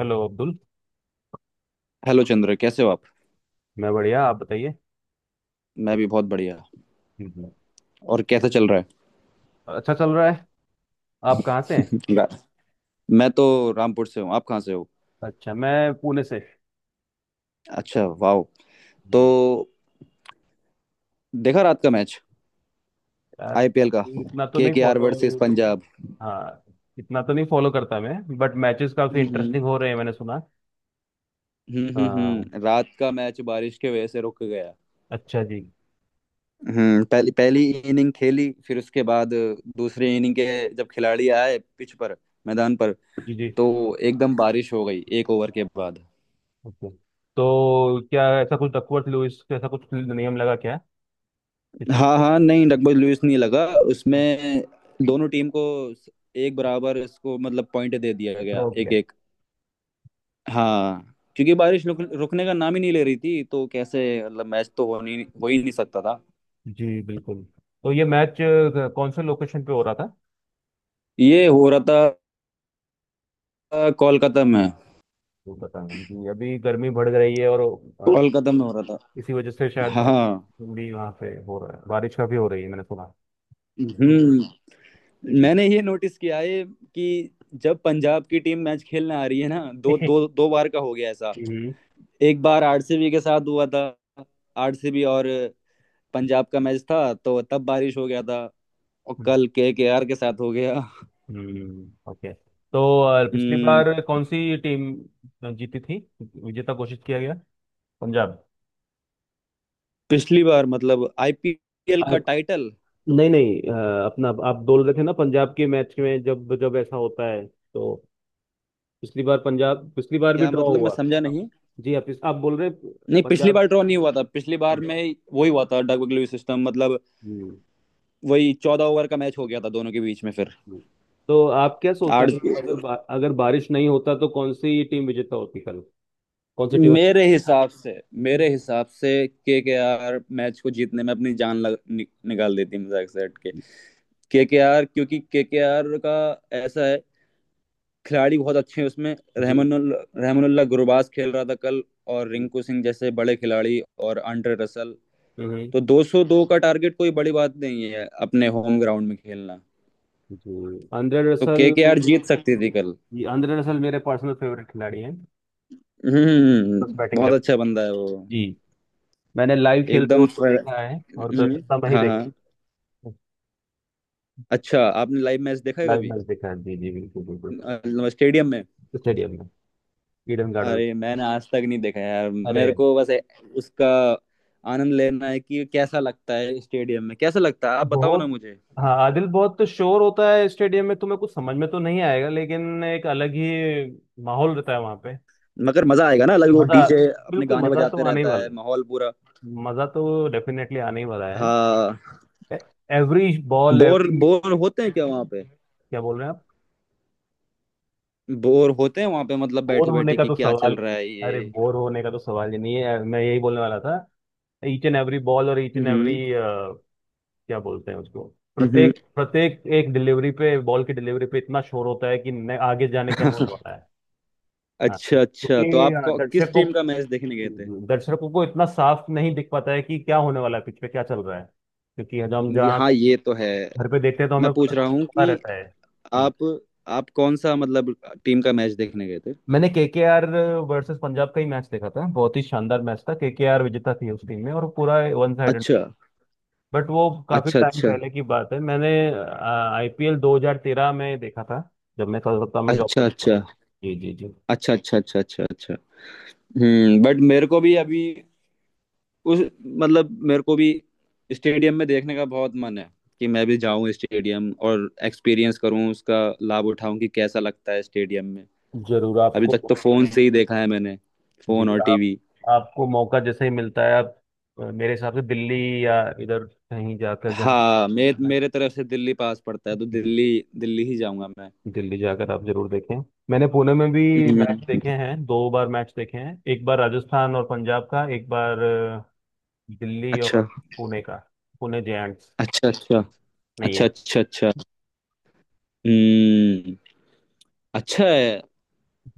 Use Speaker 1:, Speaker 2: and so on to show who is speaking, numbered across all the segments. Speaker 1: Hello Abdul.
Speaker 2: Hello Chandra, कैसे हो आप?
Speaker 1: मैं बढ़िया, आप बताइए।
Speaker 2: मैं भी बहुत बढ़िया।
Speaker 1: हम्म।
Speaker 2: और कैसा चल रहा
Speaker 1: अच्छा चल रहा है। आप कहाँ से हैं?
Speaker 2: है? मैं तो रामपुर से हूँ। आप कहाँ से हो?
Speaker 1: अच्छा, मैं पुणे से।
Speaker 2: अच्छा, वाह। तो
Speaker 1: हम्म।
Speaker 2: देखा रात का मैच?
Speaker 1: यार,
Speaker 2: आईपीएल का,
Speaker 1: इतना तो नहीं
Speaker 2: केकेआर वर्सेस
Speaker 1: फॉलो।
Speaker 2: पंजाब।
Speaker 1: हाँ, इतना तो नहीं फॉलो करता मैं, बट मैचेस काफी
Speaker 2: हम्म।
Speaker 1: इंटरेस्टिंग हो रहे हैं मैंने सुना।
Speaker 2: हम्म हम्म
Speaker 1: हाँ।
Speaker 2: रात का मैच बारिश के वजह से रुक गया।
Speaker 1: अच्छा जी।
Speaker 2: पहली पहली इनिंग खेली, फिर उसके बाद दूसरी इनिंग के जब खिलाड़ी आए पिच पर, मैदान पर,
Speaker 1: जी जी।
Speaker 2: तो एकदम बारिश हो गई एक ओवर के बाद।
Speaker 1: ओके। तो क्या ऐसा कुछ डकवर्थ लुईस, ऐसा कुछ नियम लगा क्या किसी
Speaker 2: हाँ
Speaker 1: को?
Speaker 2: हाँ, नहीं, डकबॉज लुईस नहीं लगा उसमें। दोनों टीम को एक बराबर इसको मतलब पॉइंट दे दिया गया,
Speaker 1: ड्रॉ किया?
Speaker 2: एक एक। हाँ क्योंकि बारिश रुकने का नाम ही नहीं ले रही थी, तो कैसे मतलब मैच तो हो नहीं, हो ही नहीं सकता था।
Speaker 1: जी बिल्कुल। तो ये मैच कौन से लोकेशन पे हो रहा था?
Speaker 2: ये हो रहा था कोलकाता में।
Speaker 1: वो बताना कि अभी गर्मी बढ़ रही है, और
Speaker 2: कोलकाता में हो रहा
Speaker 1: इसी वजह से
Speaker 2: था।
Speaker 1: शायद
Speaker 2: हाँ।
Speaker 1: बारिश भी वहाँ पे हो रहा है, बारिश काफी हो रही है मैंने सुना।
Speaker 2: हम्म।
Speaker 1: जी।
Speaker 2: मैंने ये नोटिस किया है कि जब पंजाब की टीम मैच खेलने आ रही है ना, दो दो दो बार का हो गया ऐसा।
Speaker 1: हम्म।
Speaker 2: एक बार आरसीबी के साथ हुआ था। आरसीबी और पंजाब का मैच था तो तब बारिश हो गया था। और कल केकेआर के साथ हो गया।
Speaker 1: हम्म, ओके। तो पिछली
Speaker 2: हम्म,
Speaker 1: बार कौन सी टीम जीती थी, विजेता घोषित किया गया? पंजाब?
Speaker 2: पिछली बार मतलब आईपीएल
Speaker 1: अ,
Speaker 2: का टाइटल?
Speaker 1: नहीं नहीं, अपना आप बोल रहे थे ना, पंजाब के मैच में जब जब ऐसा होता है तो पिछली बार पंजाब, पिछली बार भी
Speaker 2: क्या
Speaker 1: ड्रॉ
Speaker 2: मतलब, मैं
Speaker 1: हुआ?
Speaker 2: समझा
Speaker 1: आप?
Speaker 2: नहीं।
Speaker 1: जी, आप बोल रहे हैं
Speaker 2: नहीं, पिछली
Speaker 1: पंजाब।
Speaker 2: बार ड्रॉ नहीं हुआ था, पिछली बार
Speaker 1: हम्म।
Speaker 2: में वही हुआ था, डग लुईस सिस्टम मतलब।
Speaker 1: हम्म।
Speaker 2: वही 14 ओवर का मैच हो गया था दोनों के बीच में फिर।
Speaker 1: हम्म। तो आप क्या सोचते हैं,
Speaker 2: आठ।
Speaker 1: अगर अगर, बा, अगर बारिश नहीं होता तो कौन सी टीम विजेता होती कल? कौन सी टीम अच्छी?
Speaker 2: मेरे हिसाब से, मेरे हिसाब से केकेआर मैच को जीतने में अपनी जान निकाल देती, मजाक से हट के। के आर, क्योंकि केकेआर का ऐसा है, खिलाड़ी बहुत अच्छे हैं उसमें।
Speaker 1: जी
Speaker 2: रहमानुल रहमानुल्लाह गुरबाज खेल रहा था कल, और
Speaker 1: जी।
Speaker 2: रिंकू सिंह जैसे बड़े खिलाड़ी, और आंड्रे रसल।
Speaker 1: हम्म।
Speaker 2: तो 202 का टारगेट कोई बड़ी बात नहीं है अपने होम ग्राउंड में खेलना।
Speaker 1: जी आंद्रे
Speaker 2: तो
Speaker 1: रसल।
Speaker 2: केकेआर जीत सकती थी कल।
Speaker 1: जी, आंद्रे रसल मेरे पर्सनल फेवरेट खिलाड़ी हैं।
Speaker 2: हम्म,
Speaker 1: प्लस बैटिंग कर।
Speaker 2: बहुत अच्छा बंदा है वो।
Speaker 1: जी। मैंने लाइव खेलते हुए
Speaker 2: एकदम
Speaker 1: उनको
Speaker 2: फ्र-
Speaker 1: देखा है, और
Speaker 2: हम्म,
Speaker 1: कलकत्ता में ही
Speaker 2: हाँ
Speaker 1: देखा।
Speaker 2: हाँ। अच्छा, आपने लाइव मैच देखा है
Speaker 1: लाइव
Speaker 2: कभी?
Speaker 1: मैच देखा है जी, जी बिल्कुल, बिल्कुल।
Speaker 2: अ, स्टेडियम में?
Speaker 1: स्टेडियम में। Eden Garden.
Speaker 2: अरे मैंने आज तक नहीं देखा यार,
Speaker 1: अरे,
Speaker 2: मेरे को बस उसका आनंद लेना है कि कैसा लगता है स्टेडियम में, कैसा लगता है, आप बताओ ना
Speaker 1: बहुत।
Speaker 2: मुझे।
Speaker 1: हाँ आदिल, बहुत शोर होता है स्टेडियम में, तुम्हें कुछ समझ में तो नहीं आएगा, लेकिन एक अलग ही माहौल रहता है वहां।
Speaker 2: मगर मजा आएगा ना अलग, वो
Speaker 1: मजा।
Speaker 2: डीजे अपने
Speaker 1: बिल्कुल,
Speaker 2: गाने
Speaker 1: मजा तो
Speaker 2: बजाते
Speaker 1: आने ही
Speaker 2: रहता
Speaker 1: वाला
Speaker 2: है, माहौल पूरा।
Speaker 1: है। मजा तो डेफिनेटली आने ही वाला है।
Speaker 2: हाँ।
Speaker 1: Every ball,
Speaker 2: bore
Speaker 1: every.
Speaker 2: Bore होते हैं क्या वहाँ पे?
Speaker 1: क्या बोल रहे हैं आप?
Speaker 2: बोर होते हैं वहाँ पे मतलब,
Speaker 1: बोर
Speaker 2: बैठे
Speaker 1: होने
Speaker 2: बैठे
Speaker 1: का
Speaker 2: कि
Speaker 1: तो
Speaker 2: क्या
Speaker 1: सवाल।
Speaker 2: चल रहा है
Speaker 1: अरे,
Speaker 2: ये?
Speaker 1: बोर होने का तो सवाल ही नहीं है, मैं यही बोलने वाला था। ईच एंड एवरी बॉल और ईच एंड एवरी,
Speaker 2: हम्म।
Speaker 1: क्या बोलते हैं उसको,
Speaker 2: हम्म।
Speaker 1: प्रत्येक प्रत्येक एक डिलीवरी पे, बॉल की डिलीवरी पे इतना शोर होता है कि आगे जाने क्या होने वाला है। हाँ,
Speaker 2: अच्छा अच्छा, तो
Speaker 1: क्योंकि
Speaker 2: आप किस
Speaker 1: दर्शकों,
Speaker 2: टीम का मैच देखने गए थे?
Speaker 1: दर्शकों को इतना साफ नहीं दिख पाता है कि क्या होने वाला है, पिच पे क्या चल रहा है, क्योंकि हम जहाँ
Speaker 2: हाँ ये तो है।
Speaker 1: घर पे देखते हैं तो
Speaker 2: मैं
Speaker 1: हमें पता
Speaker 2: पूछ रहा हूँ
Speaker 1: पता
Speaker 2: कि
Speaker 1: रहता है। हम्म।
Speaker 2: आप आप कौन सा मतलब टीम का मैच देखने गए थे?
Speaker 1: मैंने केकेआर वर्सेस पंजाब का ही मैच देखा था, बहुत ही शानदार मैच था, केकेआर विजेता थी उस टीम में और पूरा वन साइडेड।
Speaker 2: अच्छा
Speaker 1: बट वो काफी
Speaker 2: अच्छा
Speaker 1: टाइम
Speaker 2: अच्छा
Speaker 1: पहले की बात है, मैंने आईपीएल 2013 में देखा था जब मैं कलकत्ता में जॉब
Speaker 2: अच्छा
Speaker 1: करता था।
Speaker 2: अच्छा।
Speaker 1: जी जी जी।
Speaker 2: अच्छा अच्छा अच्छा अच्छा अच्छा। बट मेरे को भी अभी उस मतलब मेरे को भी स्टेडियम में देखने का बहुत मन है, कि मैं भी जाऊं स्टेडियम और एक्सपीरियंस करूं उसका, लाभ उठाऊं कि कैसा लगता है स्टेडियम में।
Speaker 1: जरूर
Speaker 2: अभी
Speaker 1: आपको।
Speaker 2: तक तो फोन से ही देखा है मैंने, फोन
Speaker 1: जी,
Speaker 2: और
Speaker 1: आप,
Speaker 2: टीवी।
Speaker 1: आपको मौका जैसे ही मिलता है आप, मेरे हिसाब से दिल्ली या इधर कहीं जाकर, जहाँ,
Speaker 2: हाँ मेरे तरफ से दिल्ली पास पड़ता है तो दिल्ली दिल्ली ही जाऊंगा मैं।
Speaker 1: दिल्ली जाकर आप जरूर देखें। मैंने पुणे में भी मैच देखे
Speaker 2: हम्म,
Speaker 1: हैं, दो बार मैच देखे हैं, एक बार राजस्थान और पंजाब का, एक बार दिल्ली और
Speaker 2: अच्छा
Speaker 1: पुणे का, पुणे जायंट्स
Speaker 2: अच्छा अच्छा।
Speaker 1: नहीं
Speaker 2: अच्छा
Speaker 1: है।
Speaker 2: अच्छा अच्छा। हम्म। अच्छा है।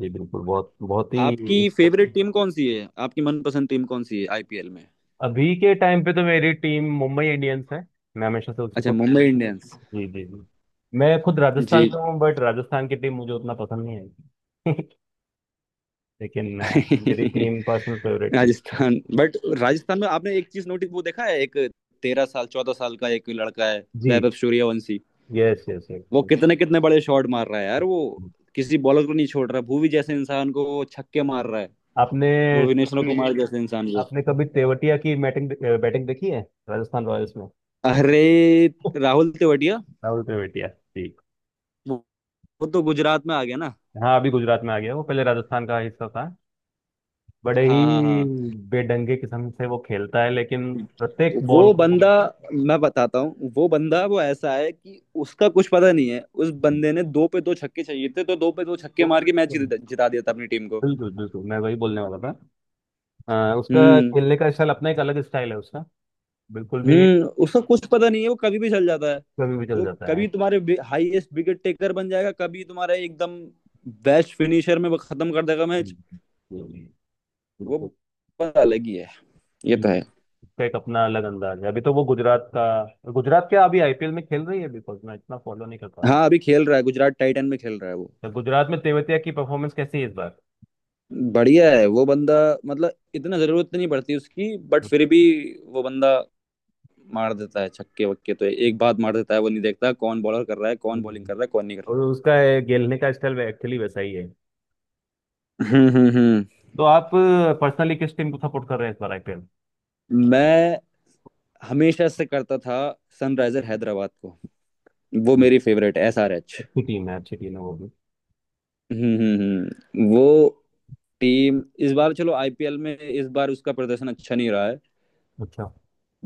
Speaker 1: जी बिल्कुल, बहुत बहुत ही।
Speaker 2: आपकी फेवरेट टीम कौन सी है? आपकी मनपसंद टीम कौन सी है आईपीएल में?
Speaker 1: अभी के टाइम पे तो मेरी टीम मुंबई इंडियंस है, मैं हमेशा से उसी को।
Speaker 2: अच्छा, मुंबई इंडियंस।
Speaker 1: जी जी जी। मैं खुद राजस्थान
Speaker 2: जी।
Speaker 1: का हूँ बट राजस्थान की टीम मुझे उतना पसंद नहीं है। लेकिन मेरी team, personal favourite team.
Speaker 2: Rajasthan, but Rajasthan में आपने एक चीज नोटिस, वो देखा है? एक 13 साल, 14 साल का एक लड़का है,
Speaker 1: जी।
Speaker 2: वैभव सूर्यवंशी।
Speaker 1: यस यस
Speaker 2: वो
Speaker 1: यस।
Speaker 2: कितने कितने बड़े शॉट मार रहा है यार, वो किसी बॉलर को नहीं छोड़ रहा, भुवी जैसे इंसान को वो छक्के मार रहा है,
Speaker 1: आपने,
Speaker 2: भुवनेश्वर कुमार जैसे इंसान को।
Speaker 1: आपने कभी तेवतिया की बैटिंग बैटिंग देखी है, राजस्थान रॉयल्स में?
Speaker 2: अरे, राहुल तेवड़िया।
Speaker 1: राहुल तेवतिया, ठीक।
Speaker 2: वो वो तो गुजरात में आ गया ना।
Speaker 1: हाँ, अभी गुजरात में आ गया, वो पहले राजस्थान का हिस्सा था। बड़े
Speaker 2: हाँ हाँ
Speaker 1: ही
Speaker 2: हाँ।
Speaker 1: बेढंगे किस्म से वो खेलता है, लेकिन प्रत्येक बॉल
Speaker 2: वो
Speaker 1: को
Speaker 2: बंदा मैं बताता हूँ, वो बंदा वो ऐसा है कि उसका कुछ पता नहीं है, उस बंदे ने दो पे दो छक्के चाहिए थे तो दो पे दो छक्के
Speaker 1: वो
Speaker 2: मार
Speaker 1: बिल्कुल,
Speaker 2: के मैच जिता जिता दिया था अपनी टीम को।
Speaker 1: बिल्कुल बिल्कुल, मैं वही बोलने वाला था। उसका
Speaker 2: हम्म।
Speaker 1: खेलने का स्टाइल, अपना एक अलग स्टाइल है उसका। बिल्कुल भी।
Speaker 2: उसका कुछ पता नहीं है, वो कभी भी चल जाता है।
Speaker 1: कभी भी चल
Speaker 2: वो
Speaker 1: जाता है।
Speaker 2: कभी तुम्हारे हाईएस्ट विकेट टेकर बन जाएगा, कभी तुम्हारा एकदम बेस्ट फिनिशर में वो खत्म कर देगा मैच।
Speaker 1: हम्म। हम्म। बिल्कुल।
Speaker 2: वो बात अलग ही है। ये तो है।
Speaker 1: जिसका एक अपना अलग अंदाज है। अभी तो वो गुजरात का, गुजरात क्या, अभी आईपीएल में खेल रही है, बिकॉज मैं इतना फॉलो नहीं कर पा रहा हूँ।
Speaker 2: हाँ, अभी खेल रहा है, गुजरात टाइटन में खेल रहा है वो।
Speaker 1: तो गुजरात में तेवतिया की परफॉर्मेंस कैसी है इस बार?
Speaker 2: बढ़िया है वो बंदा, मतलब इतना जरूरत नहीं पड़ती उसकी, बट फिर भी वो बंदा मार देता है छक्के वक्के, तो एक बात, मार देता है, वो नहीं देखता कौन बॉलर कर रहा है, कौन बॉलिंग कर
Speaker 1: हम्म।
Speaker 2: रहा है, कौन नहीं कर रहा
Speaker 1: और
Speaker 2: है।
Speaker 1: उसका ये खेलने का स्टाइल एक्चुअली वैसा ही है।
Speaker 2: हम्म हम्म हम्म।
Speaker 1: तो आप पर्सनली किस टीम को सपोर्ट कर रहे हैं इस बार आईपीएल?
Speaker 2: मैं हमेशा से करता था सनराइजर हैदराबाद को, वो मेरी फेवरेट, एसआरएच।
Speaker 1: अच्छी टीम है, अच्छी टीम है वो भी।
Speaker 2: हम्म हम्म, वो टीम इस बार, चलो आईपीएल में इस बार उसका प्रदर्शन अच्छा नहीं रहा है,
Speaker 1: अच्छा।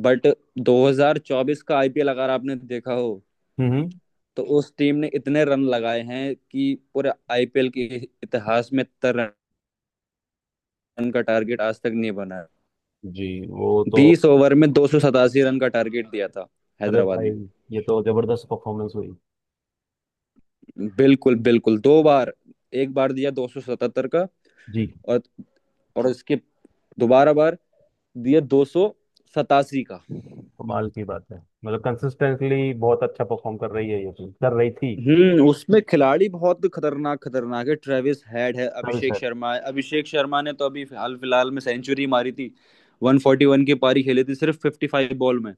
Speaker 2: बट 2024 का आईपीएल अगर आपने देखा हो,
Speaker 1: हम्म हम्म।
Speaker 2: तो उस टीम ने इतने रन लगाए हैं कि पूरे आईपीएल के इतिहास में इतना रन का टारगेट आज तक नहीं बना है।
Speaker 1: जी वो तो,
Speaker 2: 20 ओवर में 287 रन का टारगेट दिया था
Speaker 1: अरे
Speaker 2: हैदराबाद
Speaker 1: भाई,
Speaker 2: ने।
Speaker 1: ये तो जबरदस्त परफॉर्मेंस हुई।
Speaker 2: बिल्कुल बिल्कुल, दो बार। एक बार दिया 277 का,
Speaker 1: जी।
Speaker 2: और और उसके दोबारा बार दिया 287 का।
Speaker 1: कमाल की बात है। मतलब, कंसिस्टेंटली बहुत अच्छा परफॉर्म कर रही है ये टीम, कर रही थी।
Speaker 2: हम्म, उसमें खिलाड़ी बहुत खतरनाक खतरनाक है, ट्रेविस हेड है, अभिषेक शर्मा है। अभिषेक शर्मा ने तो अभी हाल फिलहाल में सेंचुरी मारी थी, 141 की पारी खेली थी सिर्फ 55 बॉल में।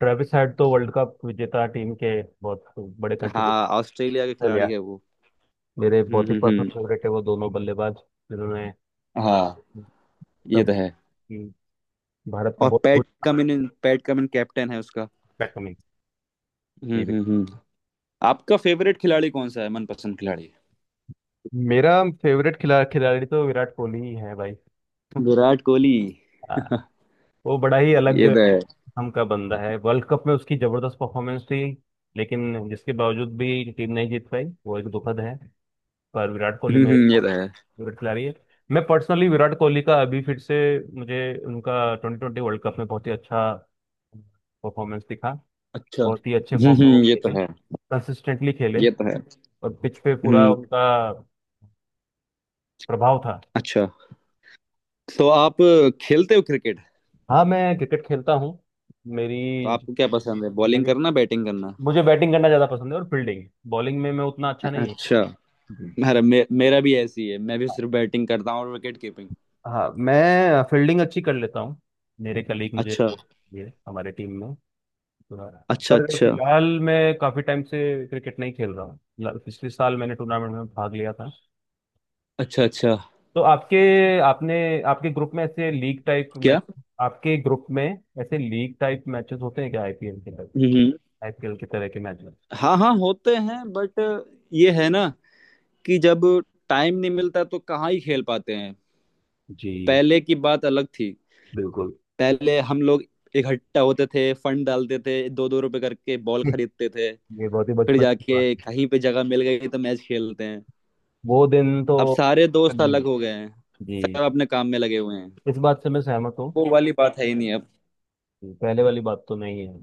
Speaker 1: ट्रेविस हेड तो वर्ल्ड कप विजेता टीम के बहुत बड़े
Speaker 2: हाँ,
Speaker 1: कंट्रीब्यूटर
Speaker 2: ऑस्ट्रेलिया के खिलाड़ी
Speaker 1: लिया।
Speaker 2: है वो।
Speaker 1: मेरे बहुत ही पर्सनल
Speaker 2: हम्म।
Speaker 1: फेवरेट है वो दोनों बल्लेबाज, जिन्होंने,
Speaker 2: हाँ ये
Speaker 1: सब,
Speaker 2: तो है।
Speaker 1: भारत को
Speaker 2: और
Speaker 1: बहुत कुछ,
Speaker 2: Pat Cummins, Pat Cummins captain है उसका।
Speaker 1: कमी। जी भाई।
Speaker 2: हम्म। आपका फेवरेट खिलाड़ी कौन सा है, मनपसंद खिलाड़ी?
Speaker 1: मेरा फेवरेट खिलाड़ी तो विराट कोहली ही है भाई।
Speaker 2: विराट कोहली।
Speaker 1: आ, वो बड़ा ही अलग
Speaker 2: ये तो है।
Speaker 1: हम का बंदा है, वर्ल्ड कप में उसकी जबरदस्त परफॉर्मेंस थी, लेकिन जिसके बावजूद भी टीम नहीं जीत पाई, वो एक दुखद है। पर विराट कोहली मेरे
Speaker 2: ये
Speaker 1: बहुत
Speaker 2: तो है।
Speaker 1: फेवरेट खिलाड़ी है। मैं पर्सनली विराट कोहली का अभी फिर से, मुझे उनका ट्वेंटी ट्वेंटी वर्ल्ड कप में बहुत ही अच्छा परफॉर्मेंस दिखा,
Speaker 2: अच्छा,
Speaker 1: बहुत ही अच्छे फॉर्म में वो
Speaker 2: ये तो
Speaker 1: खेले,
Speaker 2: है।
Speaker 1: कंसिस्टेंटली खेले,
Speaker 2: ये तो है।
Speaker 1: और पिच पे पूरा
Speaker 2: हम्म।
Speaker 1: उनका प्रभाव था।
Speaker 2: अच्छा, तो आप खेलते हो क्रिकेट?
Speaker 1: हाँ, मैं क्रिकेट खेलता हूँ।
Speaker 2: तो
Speaker 1: मेरी
Speaker 2: आपको क्या पसंद है, बॉलिंग
Speaker 1: मेरी
Speaker 2: करना, बैटिंग करना?
Speaker 1: मुझे बैटिंग करना ज़्यादा पसंद है, और फील्डिंग बॉलिंग में मैं उतना अच्छा नहीं हूँ।
Speaker 2: अच्छा।
Speaker 1: जी।
Speaker 2: मेरा भी ऐसी है, मैं भी सिर्फ बैटिंग करता हूँ और विकेट कीपिंग।
Speaker 1: हाँ, मैं फील्डिंग अच्छी कर लेता हूँ, मेरे कलीग मुझे
Speaker 2: अच्छा
Speaker 1: वो, ये हमारे टीम में,
Speaker 2: अच्छा
Speaker 1: पर
Speaker 2: अच्छा
Speaker 1: फिलहाल मैं काफी टाइम से क्रिकेट नहीं खेल रहा हूँ। पिछले साल मैंने टूर्नामेंट में भाग लिया था।
Speaker 2: अच्छा अच्छा।
Speaker 1: तो आपके, आपने, आपके ग्रुप में ऐसे लीग टाइप
Speaker 2: क्या?
Speaker 1: मैच, आपके ग्रुप में ऐसे लीग टाइप मैचेस होते हैं क्या आईपीएल के तरह,
Speaker 2: हम्म,
Speaker 1: आईपीएल की तरह के मैचेस?
Speaker 2: हाँ हाँ होते हैं, बट ये है ना, कि जब टाइम नहीं मिलता तो कहाँ ही खेल पाते हैं।
Speaker 1: जी
Speaker 2: पहले की बात अलग थी,
Speaker 1: बिल्कुल।
Speaker 2: पहले हम लोग इकट्ठा होते थे, फंड डालते थे दो दो रुपए करके, बॉल खरीदते थे,
Speaker 1: ये बहुत ही
Speaker 2: फिर
Speaker 1: बचपन की
Speaker 2: जाके
Speaker 1: बात है।
Speaker 2: कहीं पे जगह मिल गई तो मैच खेलते हैं।
Speaker 1: वो दिन तो
Speaker 2: अब सारे दोस्त
Speaker 1: नहीं।
Speaker 2: अलग हो गए हैं,
Speaker 1: जी।
Speaker 2: सब अपने काम में लगे हुए हैं,
Speaker 1: इस बात से मैं सहमत हूँ।
Speaker 2: वो वाली बात है ही नहीं अब।
Speaker 1: पहले वाली बात तो नहीं है।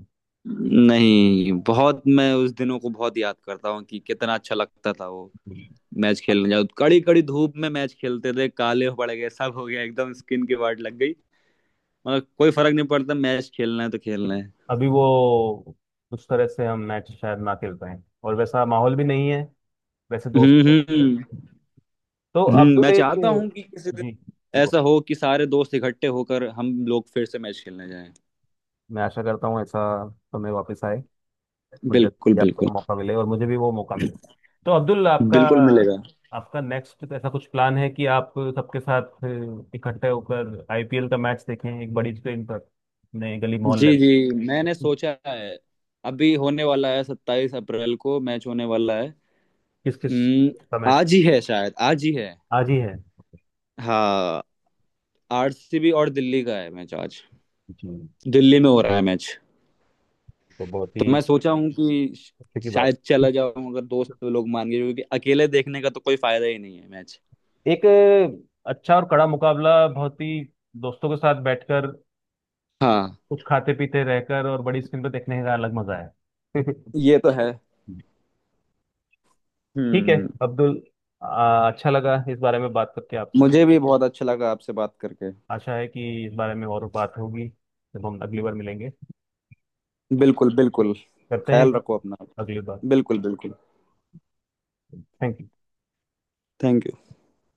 Speaker 2: नहीं, बहुत, मैं उस दिनों को बहुत याद करता हूँ कि कितना अच्छा लगता था वो।
Speaker 1: जी।
Speaker 2: मैच खेलने जाओ, कड़ी कड़ी धूप में मैच खेलते थे, काले हो पड़ गए, सब हो गया, एकदम स्किन की वाट लग गई। मगर कोई फर्क नहीं पड़ता, मैच खेलना है तो खेलना है।
Speaker 1: अभी वो उस तरह से हम मैच शायद ना खेल पाए, और वैसा माहौल भी नहीं है, वैसे
Speaker 2: हम्म।
Speaker 1: दोस्त हैं। तो
Speaker 2: हम्म,
Speaker 1: तो अब्दुल
Speaker 2: मैं
Speaker 1: एक,
Speaker 2: चाहता हूँ कि किसी दिन
Speaker 1: जी जी बोल।
Speaker 2: ऐसा हो कि सारे दोस्त इकट्ठे होकर हम लोग फिर से मैच खेलने जाएं।
Speaker 1: मैं आशा करता हूँ ऐसा समय वापस आए, और जब
Speaker 2: बिल्कुल
Speaker 1: भी आपको
Speaker 2: बिल्कुल।
Speaker 1: मौका मिले और मुझे भी वो मौका मिले। तो अब्दुल आपका,
Speaker 2: बिल्कुल मिलेगा।
Speaker 1: आपका नेक्स्ट ऐसा कुछ प्लान है कि आप सबके साथ इकट्ठे होकर आईपीएल का मैच देखें एक बड़ी स्क्रीन पर अपने गली मोहल्ले
Speaker 2: जी जी, मैंने
Speaker 1: में?
Speaker 2: सोचा है, अभी होने वाला है, 27 अप्रैल को मैच होने वाला है।
Speaker 1: किस किस
Speaker 2: हम्म,
Speaker 1: का मैच है?
Speaker 2: आज ही है शायद, आज ही है।
Speaker 1: आज ही है?
Speaker 2: हाँ, आरसीबी और दिल्ली का है मैच आज,
Speaker 1: जी।
Speaker 2: दिल्ली में हो रहा है मैच।
Speaker 1: तो बहुत ही
Speaker 2: तो मैं सोचा हूँ कि
Speaker 1: अच्छे की बात।
Speaker 2: शायद चला जाऊँ अगर दोस्त लोग मान गए, क्योंकि अकेले देखने का तो कोई फायदा ही नहीं है मैच।
Speaker 1: एक अच्छा और कड़ा मुकाबला, बहुत ही, दोस्तों के साथ बैठकर,
Speaker 2: हाँ
Speaker 1: कुछ खाते पीते रहकर और बड़ी स्क्रीन पर देखने का अलग मजा है।
Speaker 2: ये तो है।
Speaker 1: ठीक है
Speaker 2: हम्म।
Speaker 1: अब्दुल, अच्छा लगा इस बारे में बात करके आपसे।
Speaker 2: मुझे भी बहुत अच्छा लगा आपसे बात करके।
Speaker 1: आशा है कि इस बारे में और बात होगी जब हम अगली बार मिलेंगे।
Speaker 2: बिल्कुल बिल्कुल,
Speaker 1: करते हैं
Speaker 2: ख्याल
Speaker 1: बात
Speaker 2: रखो अपना,
Speaker 1: अगली बार।
Speaker 2: बिल्कुल बिल्कुल।
Speaker 1: Thank you.
Speaker 2: Thank you.